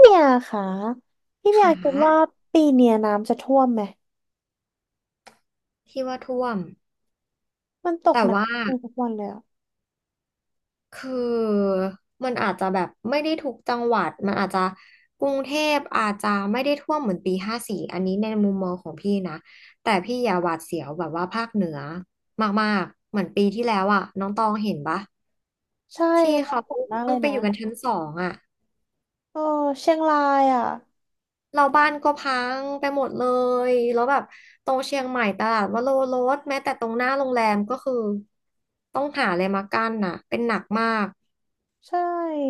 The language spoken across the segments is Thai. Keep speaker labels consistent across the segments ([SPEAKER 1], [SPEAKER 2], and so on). [SPEAKER 1] เมียค่ะพี่เมียคิด
[SPEAKER 2] ขา
[SPEAKER 1] ว่าปีเนี้ยน้ำจะท่วมไหม
[SPEAKER 2] ที่ว่าท่วม
[SPEAKER 1] มันตก
[SPEAKER 2] แต่
[SPEAKER 1] หนัก
[SPEAKER 2] ว่า
[SPEAKER 1] ทุกวันเลยอะ
[SPEAKER 2] คือมันอาจจะแบบไม่ได้ทุกจังหวัดมันอาจจะกรุงเทพอาจจะไม่ได้ท่วมเหมือนปี 54อันนี้ในมุมมองของพี่นะแต่พี่อย่าหวาดเสียวแบบว่าภาคเหนือมากๆเหมือนปีที่แล้วอ่ะน้องตองเห็นปะ
[SPEAKER 1] ใช่
[SPEAKER 2] ที่
[SPEAKER 1] มัน
[SPEAKER 2] เขา
[SPEAKER 1] โห
[SPEAKER 2] เ
[SPEAKER 1] ดมากเล
[SPEAKER 2] พิ่ง
[SPEAKER 1] ย
[SPEAKER 2] ไป
[SPEAKER 1] นะ
[SPEAKER 2] อยู่กันชั้น 2อ่ะ
[SPEAKER 1] เออเชียงรายอ่ะ
[SPEAKER 2] เราบ้านก็พังไปหมดเลยแล้วแบบตรงเชียงใหม่ตลาดวโรรสแม้แต่ตรงหน้าโรงแรมก็คือต้องหาอะไรมากั้นน่ะเป็นหนักมาก
[SPEAKER 1] ใช่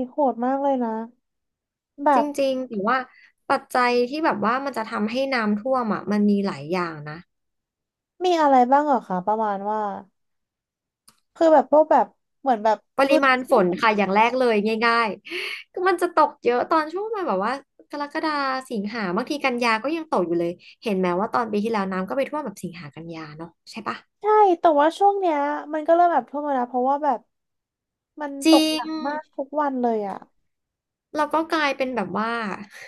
[SPEAKER 1] โหดมากเลยนะแบ
[SPEAKER 2] จ
[SPEAKER 1] บ
[SPEAKER 2] ริงๆแต่ว่าปัจจัยที่แบบว่ามันจะทำให้น้ำท่วมอ่ะมันมีหลายอย่างนะ
[SPEAKER 1] มีอะไรบ้างเหรอคะประมาณว่าคือแบบพวกแบบเหมือนแบบ
[SPEAKER 2] ป
[SPEAKER 1] พื้
[SPEAKER 2] ริ
[SPEAKER 1] น
[SPEAKER 2] มาณฝ
[SPEAKER 1] ที่
[SPEAKER 2] นค่ะอย่างแรกเลยง่ายๆก็มันจะตกเยอะตอนช่วงประมันแบบว่ากรกฎาสิงหาบางทีกันยาก็ยังตกอยู่เลยเห็นไหมว่าตอนปีที่แล้วน้ำก็ไปท่วมแบบสิงหากันยาเนาะใช่ปะ
[SPEAKER 1] ใช่แต่ว่าช่วงเนี้ยมันก็เริ่มแบบท่วมแล้วนะเพราะว่าแบบมัน
[SPEAKER 2] จ
[SPEAKER 1] ต
[SPEAKER 2] ริ
[SPEAKER 1] กหนั
[SPEAKER 2] ง
[SPEAKER 1] กมากทุกวันเลยอ่ะ
[SPEAKER 2] เราก็กลายเป็นแบบว่า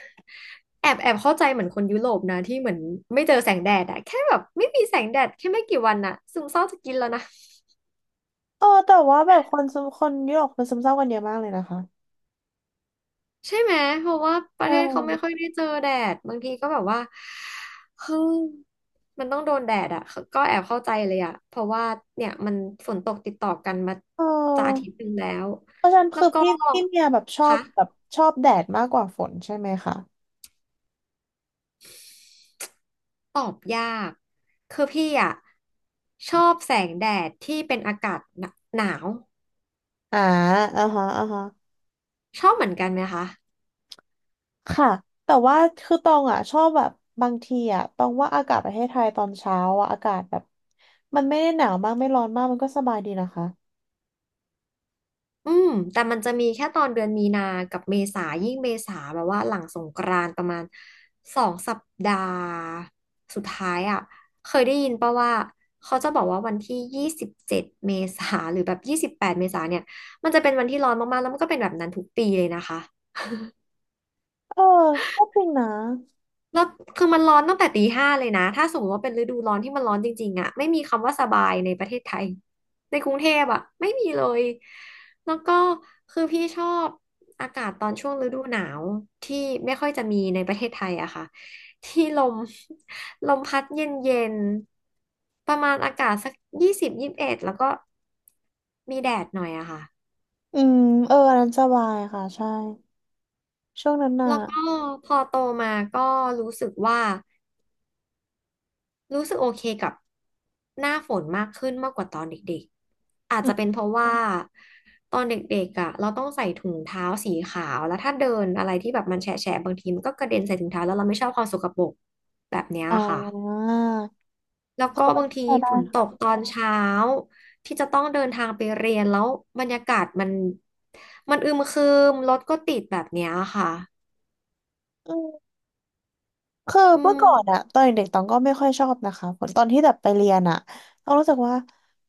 [SPEAKER 2] แอบเข้าใจเหมือนคนยุโรปนะที่เหมือนไม่เจอแสงแดดอะแค่แบบไม่มีแสงแดดแค่ไม่กี่วันอะซึมเศร้าจะกินแล้วนะ
[SPEAKER 1] เออแต่ว่าแบบคนซึมคนยุโรปคนซึมเศร้ากันเยอะมากเลยนะคะ
[SPEAKER 2] ใช่ไหมเพราะว่าป
[SPEAKER 1] ใช
[SPEAKER 2] ระเทศเขาไม่ค่อย
[SPEAKER 1] ่
[SPEAKER 2] ได้เจอแดดบางทีก็แบบว่าเฮ้ยมันต้องโดนแดดอ่ะก็แอบเข้าใจเลยอ่ะเพราะว่าเนี่ยมันฝนตกติดต่อกันมา
[SPEAKER 1] เออ
[SPEAKER 2] จะอาทิตย์หนึงแล้ว
[SPEAKER 1] เพราะฉะนั้น
[SPEAKER 2] แล้
[SPEAKER 1] คื
[SPEAKER 2] ว
[SPEAKER 1] อ
[SPEAKER 2] ก็
[SPEAKER 1] พี่เมียแบบชอบ
[SPEAKER 2] คะ
[SPEAKER 1] แบบชอบแดดมากกว่าฝนใช่ไหมคะ
[SPEAKER 2] ตอบยากคือพี่อ่ะชอบแสงแดดที่เป็นอากาศหนาว
[SPEAKER 1] อ่าอ่าฮะอ่าฮะ
[SPEAKER 2] ชอบเหมือนกันไหมคะ
[SPEAKER 1] ค่ะแต่ว่าคือตองอ่ะชอบแบบบางทีอ่ะตองว่าอากาศประเทศไทยตอนเช้าอ่ะอากาศแบบมันไม่ได้หนาวมากไม่ร้อนมากมันก็สบายดีนะคะ
[SPEAKER 2] อืมแต่มันจะมีแค่ตอนเดือนมีนา กับเมษา ยิ่งเมษาแบบว่าหลังสงกรานต์ประมาณ2 สัปดาห์สุดท้ายอ่ะเคยได้ยินป่ะว่าเขาจะบอกว่าวันที่27เมษาหรือแบบ28เมษาเนี่ยมันจะเป็นวันที่ร้อนมากๆแล้วมันก็เป็นแบบนั้นทุกปีเลยนะคะ
[SPEAKER 1] เออก็จริงนะ
[SPEAKER 2] แล้วคือมันร้อนตั้งแต่ตีห้าเลยนะถ้าสมมติว่าเป็นฤดูร้อนที่มันร้อนจริงๆอะไม่มีคำว่าสบายในประเทศไทยในกรุงเทพอะไม่มีเลยแล้วก็คือพี่ชอบอากาศตอนช่วงฤดูหนาวที่ไม่ค่อยจะมีในประเทศไทยอะค่ะที่ลม ลมพัดเย็นๆประมาณอากาศสัก20 21แล้วก็มีแดดหน่อยอะค่ะ
[SPEAKER 1] อืมเอออันนั้นสบายค่ะใช่ช่วงนั้นน่ะ
[SPEAKER 2] แล้วก็พอโตมาก็รู้สึกว่า รู้สึกโอเคกับหน้าฝนมากขึ้นมากกว่าตอนเด็กๆอาจ
[SPEAKER 1] อื
[SPEAKER 2] จะเป็น
[SPEAKER 1] ม
[SPEAKER 2] เพราะว่าตอนเด็กๆอ่ะเราต้องใส่ถุงเท้าสีขาวแล้วถ้าเดินอะไรที่แบบมันแฉะๆบางทีมันก็กระเด็นใส่ถุงเท้าแล้วเราไม่ชอบความสกปรกแบบเนี้ย
[SPEAKER 1] อ๋อ
[SPEAKER 2] ค่ะแล้วก็บางที
[SPEAKER 1] ใช่ได้
[SPEAKER 2] ฝนตก
[SPEAKER 1] ค่
[SPEAKER 2] ตอนเช้าที่จะต้องเดินทางไปเรียนแล้วบรรยากาศมันอึมครึมรถก็ติดแบบเนี้ยค่ะ
[SPEAKER 1] ะ คือ
[SPEAKER 2] อื
[SPEAKER 1] เมื่อก่อน
[SPEAKER 2] ม
[SPEAKER 1] อะตอนเด็กๆตองก็ไม่ค่อยชอบนะคะผลตอนที่แบบไปเรียนอะตองรู้สึกว่า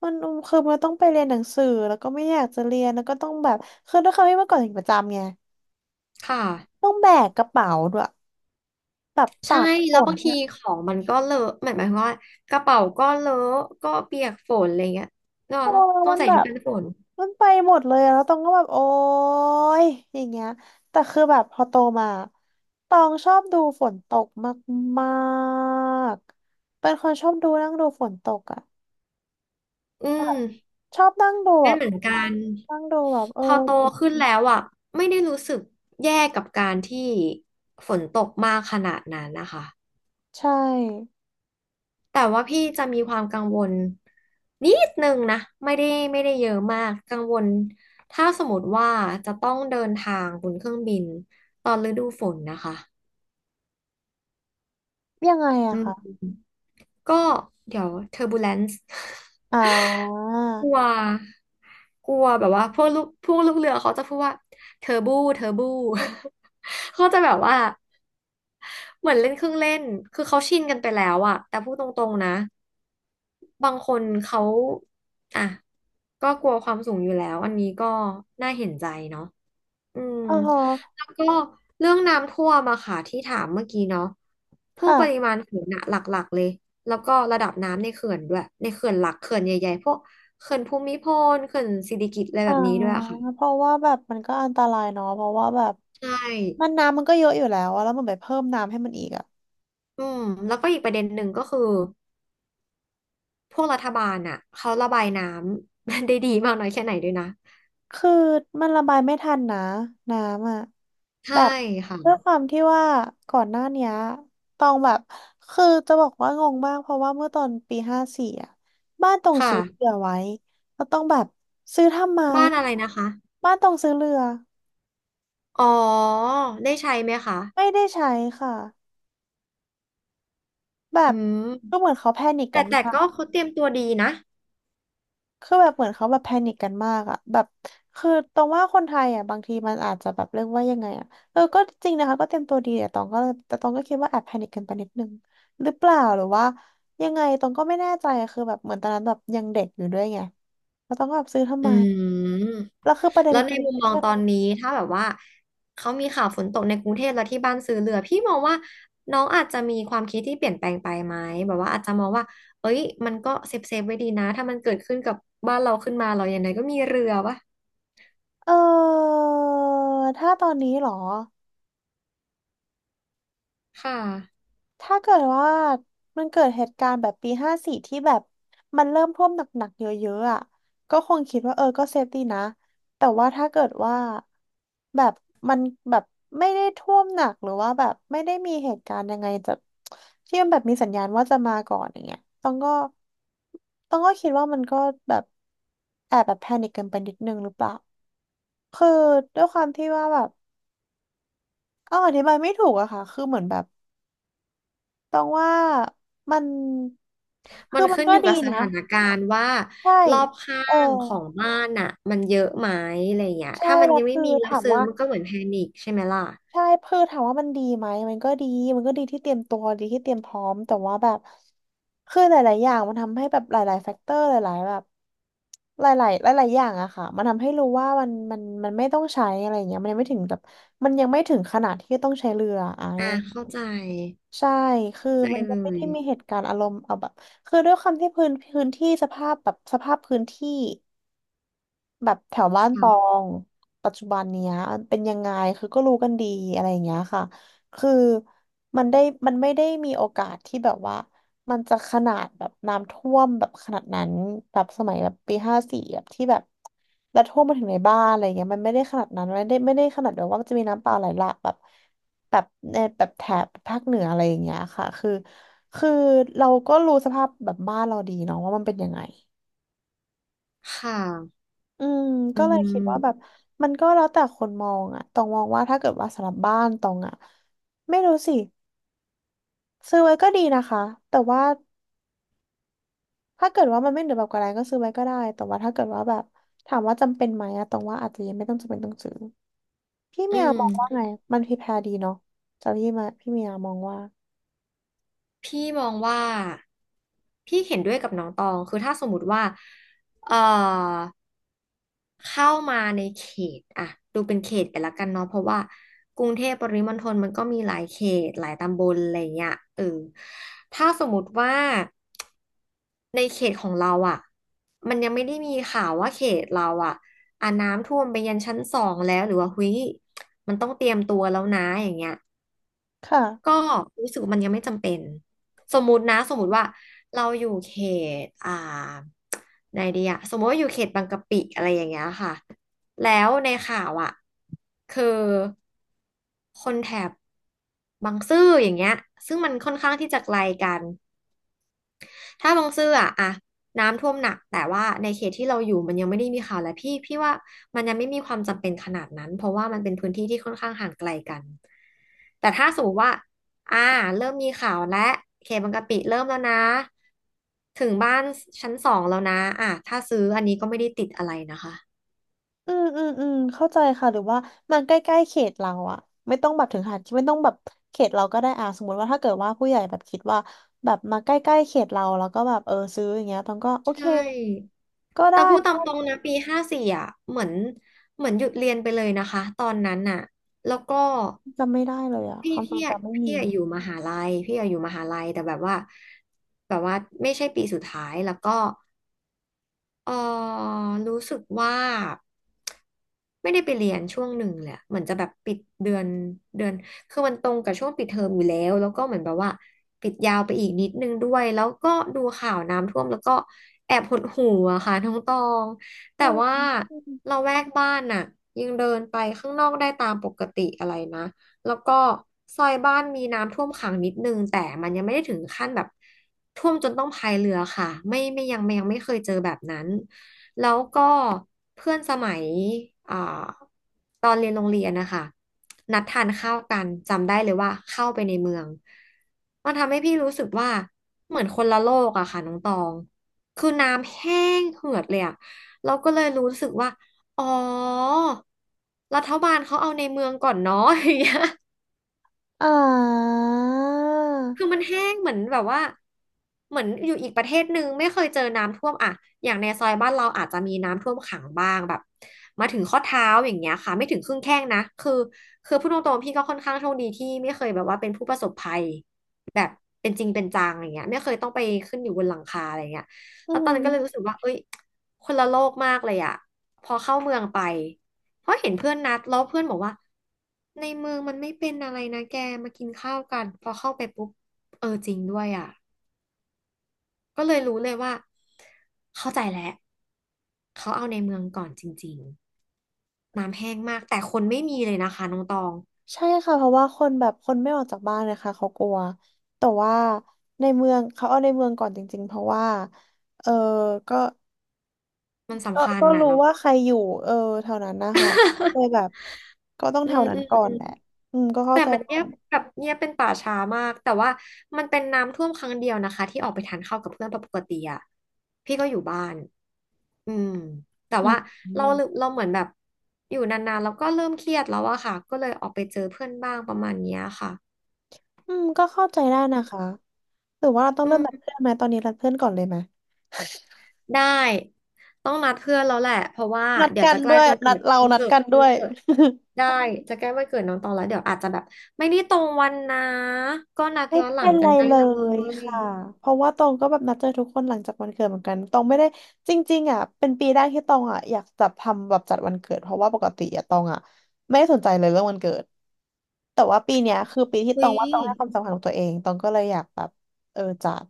[SPEAKER 1] มันคือมันต้องไปเรียนหนังสือแล้วก็ไม่อยากจะเรียนแล้วก็ต้องแบบคือด้วยความที่เมื่อก่อนเด็กประจำไง
[SPEAKER 2] ค่ะ
[SPEAKER 1] ต้องแบกกระเป๋าด้วยแบบตา
[SPEAKER 2] ใช่
[SPEAKER 1] กฝ
[SPEAKER 2] แล้ว
[SPEAKER 1] น
[SPEAKER 2] บางที
[SPEAKER 1] อะ
[SPEAKER 2] ของมันก็เลอะหมายความว่ากระเป๋าก็เลอะก็เปียกฝนอะไรเงี้ยเนาะ
[SPEAKER 1] โอ้
[SPEAKER 2] ต้อง
[SPEAKER 1] มัน
[SPEAKER 2] ใส่
[SPEAKER 1] แบ
[SPEAKER 2] ชุด
[SPEAKER 1] บ
[SPEAKER 2] กันฝน
[SPEAKER 1] มันไปหมดเลยอะแล้วตองก็แบบโอ๊ยอย่างเงี้ยแต่คือแบบพอโตมาตองชอบดูฝนตกมากๆเป็นคนชอบดูนั่งดูฝนตกอะ
[SPEAKER 2] อืม
[SPEAKER 1] ชอบนั่งดูแบ
[SPEAKER 2] เป็น
[SPEAKER 1] บ
[SPEAKER 2] เหมือนกัน
[SPEAKER 1] นั่งดูแบบเออ
[SPEAKER 2] พอโตขึ้นแล้วอ่ะไม่ได้รู้สึกแย่กับการที่ฝนตกมากขนาดนั้นนะคะ
[SPEAKER 1] ใช่
[SPEAKER 2] แต่ว่าพี่จะมีความกังวลนิดนึงนะไม่ได้ไม่ได้เยอะมากกังวลถ้าสมมติว่าจะต้องเดินทางบนเครื่องบินตอนฤดูฝนนะคะ
[SPEAKER 1] ยังไงอะ
[SPEAKER 2] อืม
[SPEAKER 1] ค่ะ
[SPEAKER 2] ก็เดี๋ยวเทอร์บ e เลน์
[SPEAKER 1] อ่า
[SPEAKER 2] กลัวกลัวแบบว่าพวกลูกเรือเขาจะพูดว่าเทอร์บู เขาจะแบบว่าเหมือนเล่นเครื่องเล่นคือเขาชินกันไปแล้วอะแต่พูดตรงๆนะบางคนเขาอ่ะก็กลัวความสูงอยู่แล้วอันนี้ก็น่าเห็นใจเนาะ อืม
[SPEAKER 1] อ๋อ
[SPEAKER 2] แล้วก็เรื่องน้ำท่วมอะค่ะที่ถามเมื่อกี้เนาะพวกปริ
[SPEAKER 1] ค่ะ
[SPEAKER 2] มาณฝนอะหลักๆเลยแล้วก็ระดับน้ำในเขื่อนด้วยในเขื่อนหลักเขื่อนใหญ่ๆพวกเขื่อนภูมิพลเขื่อนสิริกิติ์อะไร
[SPEAKER 1] อ่า
[SPEAKER 2] แบบนี้ด้วยอะค่ะ
[SPEAKER 1] เพราะว่าแบบมันก็อันตรายเนาะเพราะว่าแบบ
[SPEAKER 2] ใช่
[SPEAKER 1] มันน้ำมันก็เยอะอยู่แล้วอะแล้วมันไปเพิ่มน้ำให้มันอีกอะ
[SPEAKER 2] อืมแล้วก็อีกประเด็นหนึ่งก็คือพวกรัฐบาลอะเขาระบายน้ำ ได้ดีมากน้อยแค่ไหนด้วยนะ
[SPEAKER 1] คือมันระบายไม่ทันนะน้ำอ่ะแบ
[SPEAKER 2] ใช่
[SPEAKER 1] บ
[SPEAKER 2] ค่ะ
[SPEAKER 1] ด้วยความที่ว่าก่อนหน้าเนี้ยตองแบบคือจะบอกว่างงมากเพราะว่าเมื่อตอนปีห้าสี่อ่ะบ้านตองซื้อเรื
[SPEAKER 2] ค่ะ
[SPEAKER 1] อไว้แล้วต้องแบบซื้อทำไม
[SPEAKER 2] บ้านอะไรนะคะ
[SPEAKER 1] บ้านตองซื้อเรือ
[SPEAKER 2] อ๋อได้ใช้ไหมคะ
[SPEAKER 1] ไม่ได้ใช้ค่ะแบ
[SPEAKER 2] อื
[SPEAKER 1] บก็เห
[SPEAKER 2] ม
[SPEAKER 1] มือนเขาแพนิคกั
[SPEAKER 2] แต่
[SPEAKER 1] น
[SPEAKER 2] แต่
[SPEAKER 1] มา
[SPEAKER 2] ก็
[SPEAKER 1] ก
[SPEAKER 2] เขาเตรียมตัวดีนะ
[SPEAKER 1] คือแบบเหมือนเขาแบบแพนิคกันมากอะแบบคือตรงว่าคนไทยอะบางทีมันอาจจะแบบเรียกว่ายังไงอะเออก็จริงนะคะก็เตรียมตัวดีแต่ตองก็เลยแต่ตองก็คิดว่าแอบแพนิคกันไปนิดนึงหรือเปล่าหรือว่ายังไงตองก็ไม่แน่ใจอะคือแบบเหมือนตอนนั้นแบบยังเด็กอยู่ด้วยไงแล้วตองก็แบบซื้อทำ
[SPEAKER 2] อื
[SPEAKER 1] ไม
[SPEAKER 2] ม
[SPEAKER 1] แล้วคือประเด็น
[SPEAKER 2] แล้วใน
[SPEAKER 1] คือ
[SPEAKER 2] มุมมองตอนนี้ถ้าแบบว่าเขามีข่าวฝนตกในกรุงเทพแล้วที่บ้านซื้อเรือพี่มองว่าน้องอาจจะมีความคิดที่เปลี่ยนแปลงไปไหมแบบว่าอาจจะมองว่าเอ้ยมันก็เซฟไว้ดีนะถ้ามันเกิดขึ้นกับบ้านเราขึ้นมาเราอย่างไรก็มีเรือวะ
[SPEAKER 1] เออถ้าตอนนี้เหรอ
[SPEAKER 2] ค่ะ
[SPEAKER 1] ถ้าเกิดว่ามันเกิดเหตุการณ์แบบปีห้าสี่ที่แบบมันเริ่มท่วมหนักๆเยอะๆอ่ะก็คงคิดว่าเออก็เซฟดีนะแต่ว่าถ้าเกิดว่าแบบมันแบบไม่ได้ท่วมหนักหรือว่าแบบไม่ได้มีเหตุการณ์ยังไงจะที่มันแบบมีสัญญาณว่าจะมาก่อนอย่างเงี้ยต้องก็คิดว่ามันก็แบบแอบแบบแพนิคเกินไปนิดนึงหรือเปล่าคือด้วยความที่ว่าแบบเอาอธิบายไม่ถูกอะค่ะคือเหมือนแบบ ตองว่ามัน
[SPEAKER 2] มั
[SPEAKER 1] คื
[SPEAKER 2] น
[SPEAKER 1] อมัน
[SPEAKER 2] ขึ้น
[SPEAKER 1] ก็
[SPEAKER 2] อยู่
[SPEAKER 1] ดี
[SPEAKER 2] กับส
[SPEAKER 1] นะ
[SPEAKER 2] ถานการณ์ว่า
[SPEAKER 1] ใช่
[SPEAKER 2] รอบข้า
[SPEAKER 1] เออ
[SPEAKER 2] งของบ้านน่ะมันเยอะไหมอะไรอย่างเงี้ย
[SPEAKER 1] ใช่
[SPEAKER 2] ถ้ามัน
[SPEAKER 1] แล้
[SPEAKER 2] ยั
[SPEAKER 1] ว
[SPEAKER 2] งไม่
[SPEAKER 1] คือ
[SPEAKER 2] มีแล้ว
[SPEAKER 1] ถาม
[SPEAKER 2] ซื้อ
[SPEAKER 1] ว่า
[SPEAKER 2] มันก็เหมือนแพนิคใช่ไหมล่ะ
[SPEAKER 1] ใช่คือถามว่ามันดีไหมมันก็ดีมันก็ดีที่เตรียมตัวดีที่เตรียมพร้อมแต่ว่าแบบคือหลาย ๆ อย่างมันทำให้แบบหลายๆแฟกเตอร์หลายๆแบบหลายๆหลาย ๆ อย่างอะค่ะมันทำให้รู้ว่ามันไม่ต้องใช้อะไรอย่างเงี้ยมันยังไม่ถึงแบบมันยังไม่ถึงขนาดที่ต้องใช้เรืออะ
[SPEAKER 2] อ่าเข้าใจ
[SPEAKER 1] ใช่ คือ
[SPEAKER 2] เข้าใจ
[SPEAKER 1] มันก็
[SPEAKER 2] เล
[SPEAKER 1] ไม่ได้
[SPEAKER 2] ย
[SPEAKER 1] มีเหตุการณ์อารมณ์เอาแบบ คือด้วยความที่พื้นที่สภาพแบบสภาพพื้นที่ แบบแถวบ้านตอ
[SPEAKER 2] ค่ะ
[SPEAKER 1] งปัจจุบันเนี้ยเป็นยังไงคือก็รู้กันดีอะไรอย่างเงี้ยค่ะคือมันได้มันไม่ได้มีโอกาสที่แบบว่ามันจะขนาดแบบน้ำท่วมแบบขนาดนั้นแบบสมัยแบบปีห้าสี่แบบที่แบบแล้วท่วมมาถึงในบ้านอะไรเงี้ยมันไม่ได้ขนาดนั้นไม่ได้ขนาดแบบว่ามันจะมีน้ำป่าไหลหลากแบบแบบในแบบแถบภาคเหนืออะไรอย่างเงี้ยค่ะคือเราก็รู้สภาพแบบบ้านเราดีเนาะว่ามันเป็นยังไง
[SPEAKER 2] ค่ะ
[SPEAKER 1] อืม
[SPEAKER 2] อื
[SPEAKER 1] ก็เลยคิดว่าแบบ
[SPEAKER 2] ม
[SPEAKER 1] มันก็แล้วแต่คนมองอะตองมองว่าถ้าเกิดว่าสำหรับบ้านตองอะไม่รู้สิซื้อไว้ก็ดีนะคะแต่ว่าถ้าเกิดว่ามันไม่เหลือแบบกระไรก็ซื้อไว้ก็ได้แต่ว่าถ้าเกิดว่าแบบถามว่าจำเป็นไหมอะตองว่าอาจจะยังไม่ต้องจำเป็นต้องซื้อพี่
[SPEAKER 2] อื
[SPEAKER 1] เมียมองว่า
[SPEAKER 2] ม
[SPEAKER 1] ไงมันพรีแพร์ดีเนาะแต่พี่มาพี่เมียมองว่า
[SPEAKER 2] พี่มองว่าพี่เห็นด้วยกับน้องตองคือถ้าสมมติว่าเอ่อเข้ามาในเขตอ่ะดูเป็นเขตไปละกันเนาะเพราะว่ากรุงเทพปริมณฑลมันก็มีหลายเขตหลายตำบลอะไรเงี้ยเออถ้าสมมติว่าในเขตของเราอ่ะมันยังไม่ได้มีข่าวว่าเขตเราอ่ะอ่ะน้ำท่วมไปยันชั้นสองแล้วหรือว่าหุ้ยมันต้องเตรียมตัวแล้วนะอย่างเงี้ย ก็
[SPEAKER 1] ค่ะ
[SPEAKER 2] รู้สึกว่ามันยังไม่จำเป็นสมมุตินะสมมุติว่าเราอยู่เขตไหนดีอะสมมติว่าอยู่เขตบางกะปิอะไรอย่างเงี้ยค่ะแล้วในข่าวอะคือคนแถบบางซื่ออย่างเงี้ยซึ่งมันค่อนข้างที่จะไกลกัน ถ้าบางซื่ออะน้ำท่วมหนักแต่ว่าในเขตที่เราอยู่มันยังไม่ได้มีข่าวและพี่ว่ามันยังไม่มีความจำเป็นขนาดนั้นเพราะว่ามันเป็นพื้นที่ที่ค่อนข้างห่างไกลกันแต่ถ้าสมมติว่าอ่าเริ่มมีข่าวและเขตบางกะปิเริ่มแล้วนะถึงบ้านชั้นสองแล้วนะอ่ะถ้าซื้ออันนี้ก็ไม่ได้ติดอะไรนะคะ
[SPEAKER 1] อืมเข้าใจค่ะหรือว่ามันใกล้ๆเขตเราอะไม่ต้องแบบถึงขนาดที่ไม่ต้องแบบเขตเราก็ได้อ่ะสมมติว่าถ้าเกิดว่าผู้ใหญ่แบบคิดว่าแบบมาใกล้ๆเขตเราแล้วก็แบบเออซื้ออย่างเงี้ยตองก็โอ
[SPEAKER 2] ใช
[SPEAKER 1] เค
[SPEAKER 2] ่
[SPEAKER 1] ก็ได้
[SPEAKER 2] แต่พูดตา
[SPEAKER 1] ก็
[SPEAKER 2] มตรงนะปีห้าสี่อ่ะเหมือนหยุดเรียนไปเลยนะคะตอนนั้นน่ะแล้วก็
[SPEAKER 1] จำไม่ได้เลยอะ
[SPEAKER 2] พี่
[SPEAKER 1] ความทร
[SPEAKER 2] พี่
[SPEAKER 1] ง
[SPEAKER 2] อะ
[SPEAKER 1] จำไม่
[SPEAKER 2] พี่
[SPEAKER 1] มี
[SPEAKER 2] อะอยู่มหาลัยพี่อะอยู่มหาลัยแต่แบบว่าไม่ใช่ปีสุดท้ายแล้วก็ เออรู้สึกว่าไม่ได้ไปเรียนช่วงหนึ่งเลยอะเหมือนจะแบบปิดเดือนคือมันตรงกับช่วงปิดเทอมอยู่แล้วแล้วก็เหมือนแบบว่าปิดยาวไปอีกนิดนึงด้วยแล้วก็ดูข่าวน้ำท่วมแล้วก็แอบหดหู่อะค่ะน้องตอง
[SPEAKER 1] อื
[SPEAKER 2] แต่
[SPEAKER 1] ม
[SPEAKER 2] ว่า
[SPEAKER 1] อืม
[SPEAKER 2] เราแวกบ้านน่ะยังเดินไปข้างนอกได้ตามปกติอะไรนะ แล้วก็ซอยบ้านมีน้ำท่วมขังนิดนึงแต่มันยังไม่ได้ถึงขั้นแบบท่วมจนต้องพายเรือค่ะไม่ไม่ยังไม่ยังไม่เคยเจอแบบนั้นแล้วก็เพื่อนสมัยอ่าตอนเรียนโรงเรียนนะคะนัดทานข้าวกันจำได้เลยว่าเข้าไปในเมืองมันทำให้พี่รู้สึกว่าเหมือนคนละโลกอะค่ะน้องตองคือน้ำแห้งเหือดเลยอะเราก็เลยรู้สึกว่าอ๋อรัฐบาลเขาเอาในเมืองก่อนเนาะอย่างเงี้ย
[SPEAKER 1] อ่า
[SPEAKER 2] คือมันแห้งเหมือนแบบว่าเหมือนอยู่อีกประเทศหนึ่งไม่เคยเจอน้ำท่วมอ่ะอย่างในซอยบ้านเราอาจจะมีน้ำท่วมขังบ้างแบบมาถึงข้อเท้าอย่างเงี้ยค่ะไม่ถึงครึ่งแข้งนะคือพูดตรงๆพี่ก็ค่อนข้างโชคดีที่ไม่เคยแบบว่าเป็นผู้ประสบภัยแบบเป็นจริงเป็นจังอย่างเงี้ยไม่เคยต้องไปขึ้นอยู่บนหลังคาอะไรเงี้ย
[SPEAKER 1] อื
[SPEAKER 2] แล้วตอน
[SPEAKER 1] ม
[SPEAKER 2] นั้นก็เลยรู้สึกว่าเอ้ยคนละโลกมากเลยอะพอเข้าเมืองไป เพราะเห็นเพื่อนนัดแล้วเพื่อนบอกว่าในเมืองมันไม่เป็นอะไรนะแกมากินข้าวกันพอเข้าไปปุ๊บเออจริงด้วยอ่ะก็เลยรู้เลยว่าเข้าใจแล้วเขาเอาในเมืองก่อนจริงๆน้ำแห้งมากแต่คนไม่มีเลยนะคะน้องตอง
[SPEAKER 1] ใช่ค่ะเพราะว่าคนแบบคนไม่ออกจากบ้านนะคะเขากลัวแต่ว่าในเมืองเขาเอาในเมืองก่อนจริงๆเพราะว่าเออก็ ก็รู้ว่าใครอยู่เออแถวนั้นนะคะเลยแบบ ก็ต้อง
[SPEAKER 2] อื
[SPEAKER 1] แถว
[SPEAKER 2] ม
[SPEAKER 1] นั้น
[SPEAKER 2] อื
[SPEAKER 1] ก่อน
[SPEAKER 2] ม
[SPEAKER 1] แหละอืมก็เข้า
[SPEAKER 2] แต่
[SPEAKER 1] ใจ
[SPEAKER 2] มัน
[SPEAKER 1] ได้
[SPEAKER 2] เงียบแบบเงียบเป็นป่าช้ามากแต่ว่ามันเป็นน้ำท่วมครั้งเดียวนะคะที่ออกไปทานข้าวกับเพื่อนปกติอะพี่ก็อยู่บ้านอืมแต่
[SPEAKER 1] อืม
[SPEAKER 2] ว่า
[SPEAKER 1] อื
[SPEAKER 2] เรา
[SPEAKER 1] ม
[SPEAKER 2] เราเหมือนแบบอยู่นานๆแล้วก็เริ่มเครียดแล้วอะค่ะก็เลยออกไปเจอเพื่อนบ้างประมาณเนี้ยค่ะ
[SPEAKER 1] อืมก็เข้าใจได้นะคะหรือว่าเราต้อง
[SPEAKER 2] อื
[SPEAKER 1] เริ่ม
[SPEAKER 2] ม
[SPEAKER 1] นัดเพื่อนไหมตอนนี้นัดเพื่อนก่อนเลยไหม
[SPEAKER 2] ได้ต้องนัดเพื่อนแล้วแหละเพราะว่า
[SPEAKER 1] นัด
[SPEAKER 2] เดี๋ยว
[SPEAKER 1] กัน
[SPEAKER 2] จะใกล้
[SPEAKER 1] ด้วยนัดเรานัดกัน
[SPEAKER 2] วั
[SPEAKER 1] ด้
[SPEAKER 2] น
[SPEAKER 1] วย
[SPEAKER 2] เกิดได้จะใกล้วันเกิดน้องตองแล้วเดี๋ยวอาจจะแบบไม่ได้ตรงวันนะก็นัด
[SPEAKER 1] ไม่
[SPEAKER 2] ย้อนหลั
[SPEAKER 1] เป็
[SPEAKER 2] ง
[SPEAKER 1] น
[SPEAKER 2] กั
[SPEAKER 1] ไร
[SPEAKER 2] นได้
[SPEAKER 1] เล
[SPEAKER 2] เล
[SPEAKER 1] ย
[SPEAKER 2] ย
[SPEAKER 1] ค่ะเพราะว่าตองก็แบบนัดเจอทุกคนหลังจากวันเกิดเหมือนกันตองไม่ได้จริงๆอ่ะเป็นปีแรกที่ตองอ่ะอยากจัดทำแบบจัดวันเกิดเพราะว่าปกติอ่ะตองอ่ะไม่ได้สนใจเลยเรื่องวันเกิดแต่ว่าปีเนี้ยคือปีที่
[SPEAKER 2] คุ
[SPEAKER 1] ตอ
[SPEAKER 2] ย
[SPEAKER 1] งว่าตองให้ความสำคัญกับตัวเองตองก็เลยอยากแบบเออจัด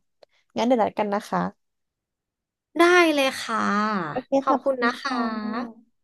[SPEAKER 1] งั้นเดี๋ยวนัดกันนะคะ
[SPEAKER 2] ได้เลยค่ะ
[SPEAKER 1] โอเค
[SPEAKER 2] ขอบ
[SPEAKER 1] ค่ะข
[SPEAKER 2] คุ
[SPEAKER 1] อบ
[SPEAKER 2] ณ
[SPEAKER 1] คุณ
[SPEAKER 2] นะคะ
[SPEAKER 1] ค่ะ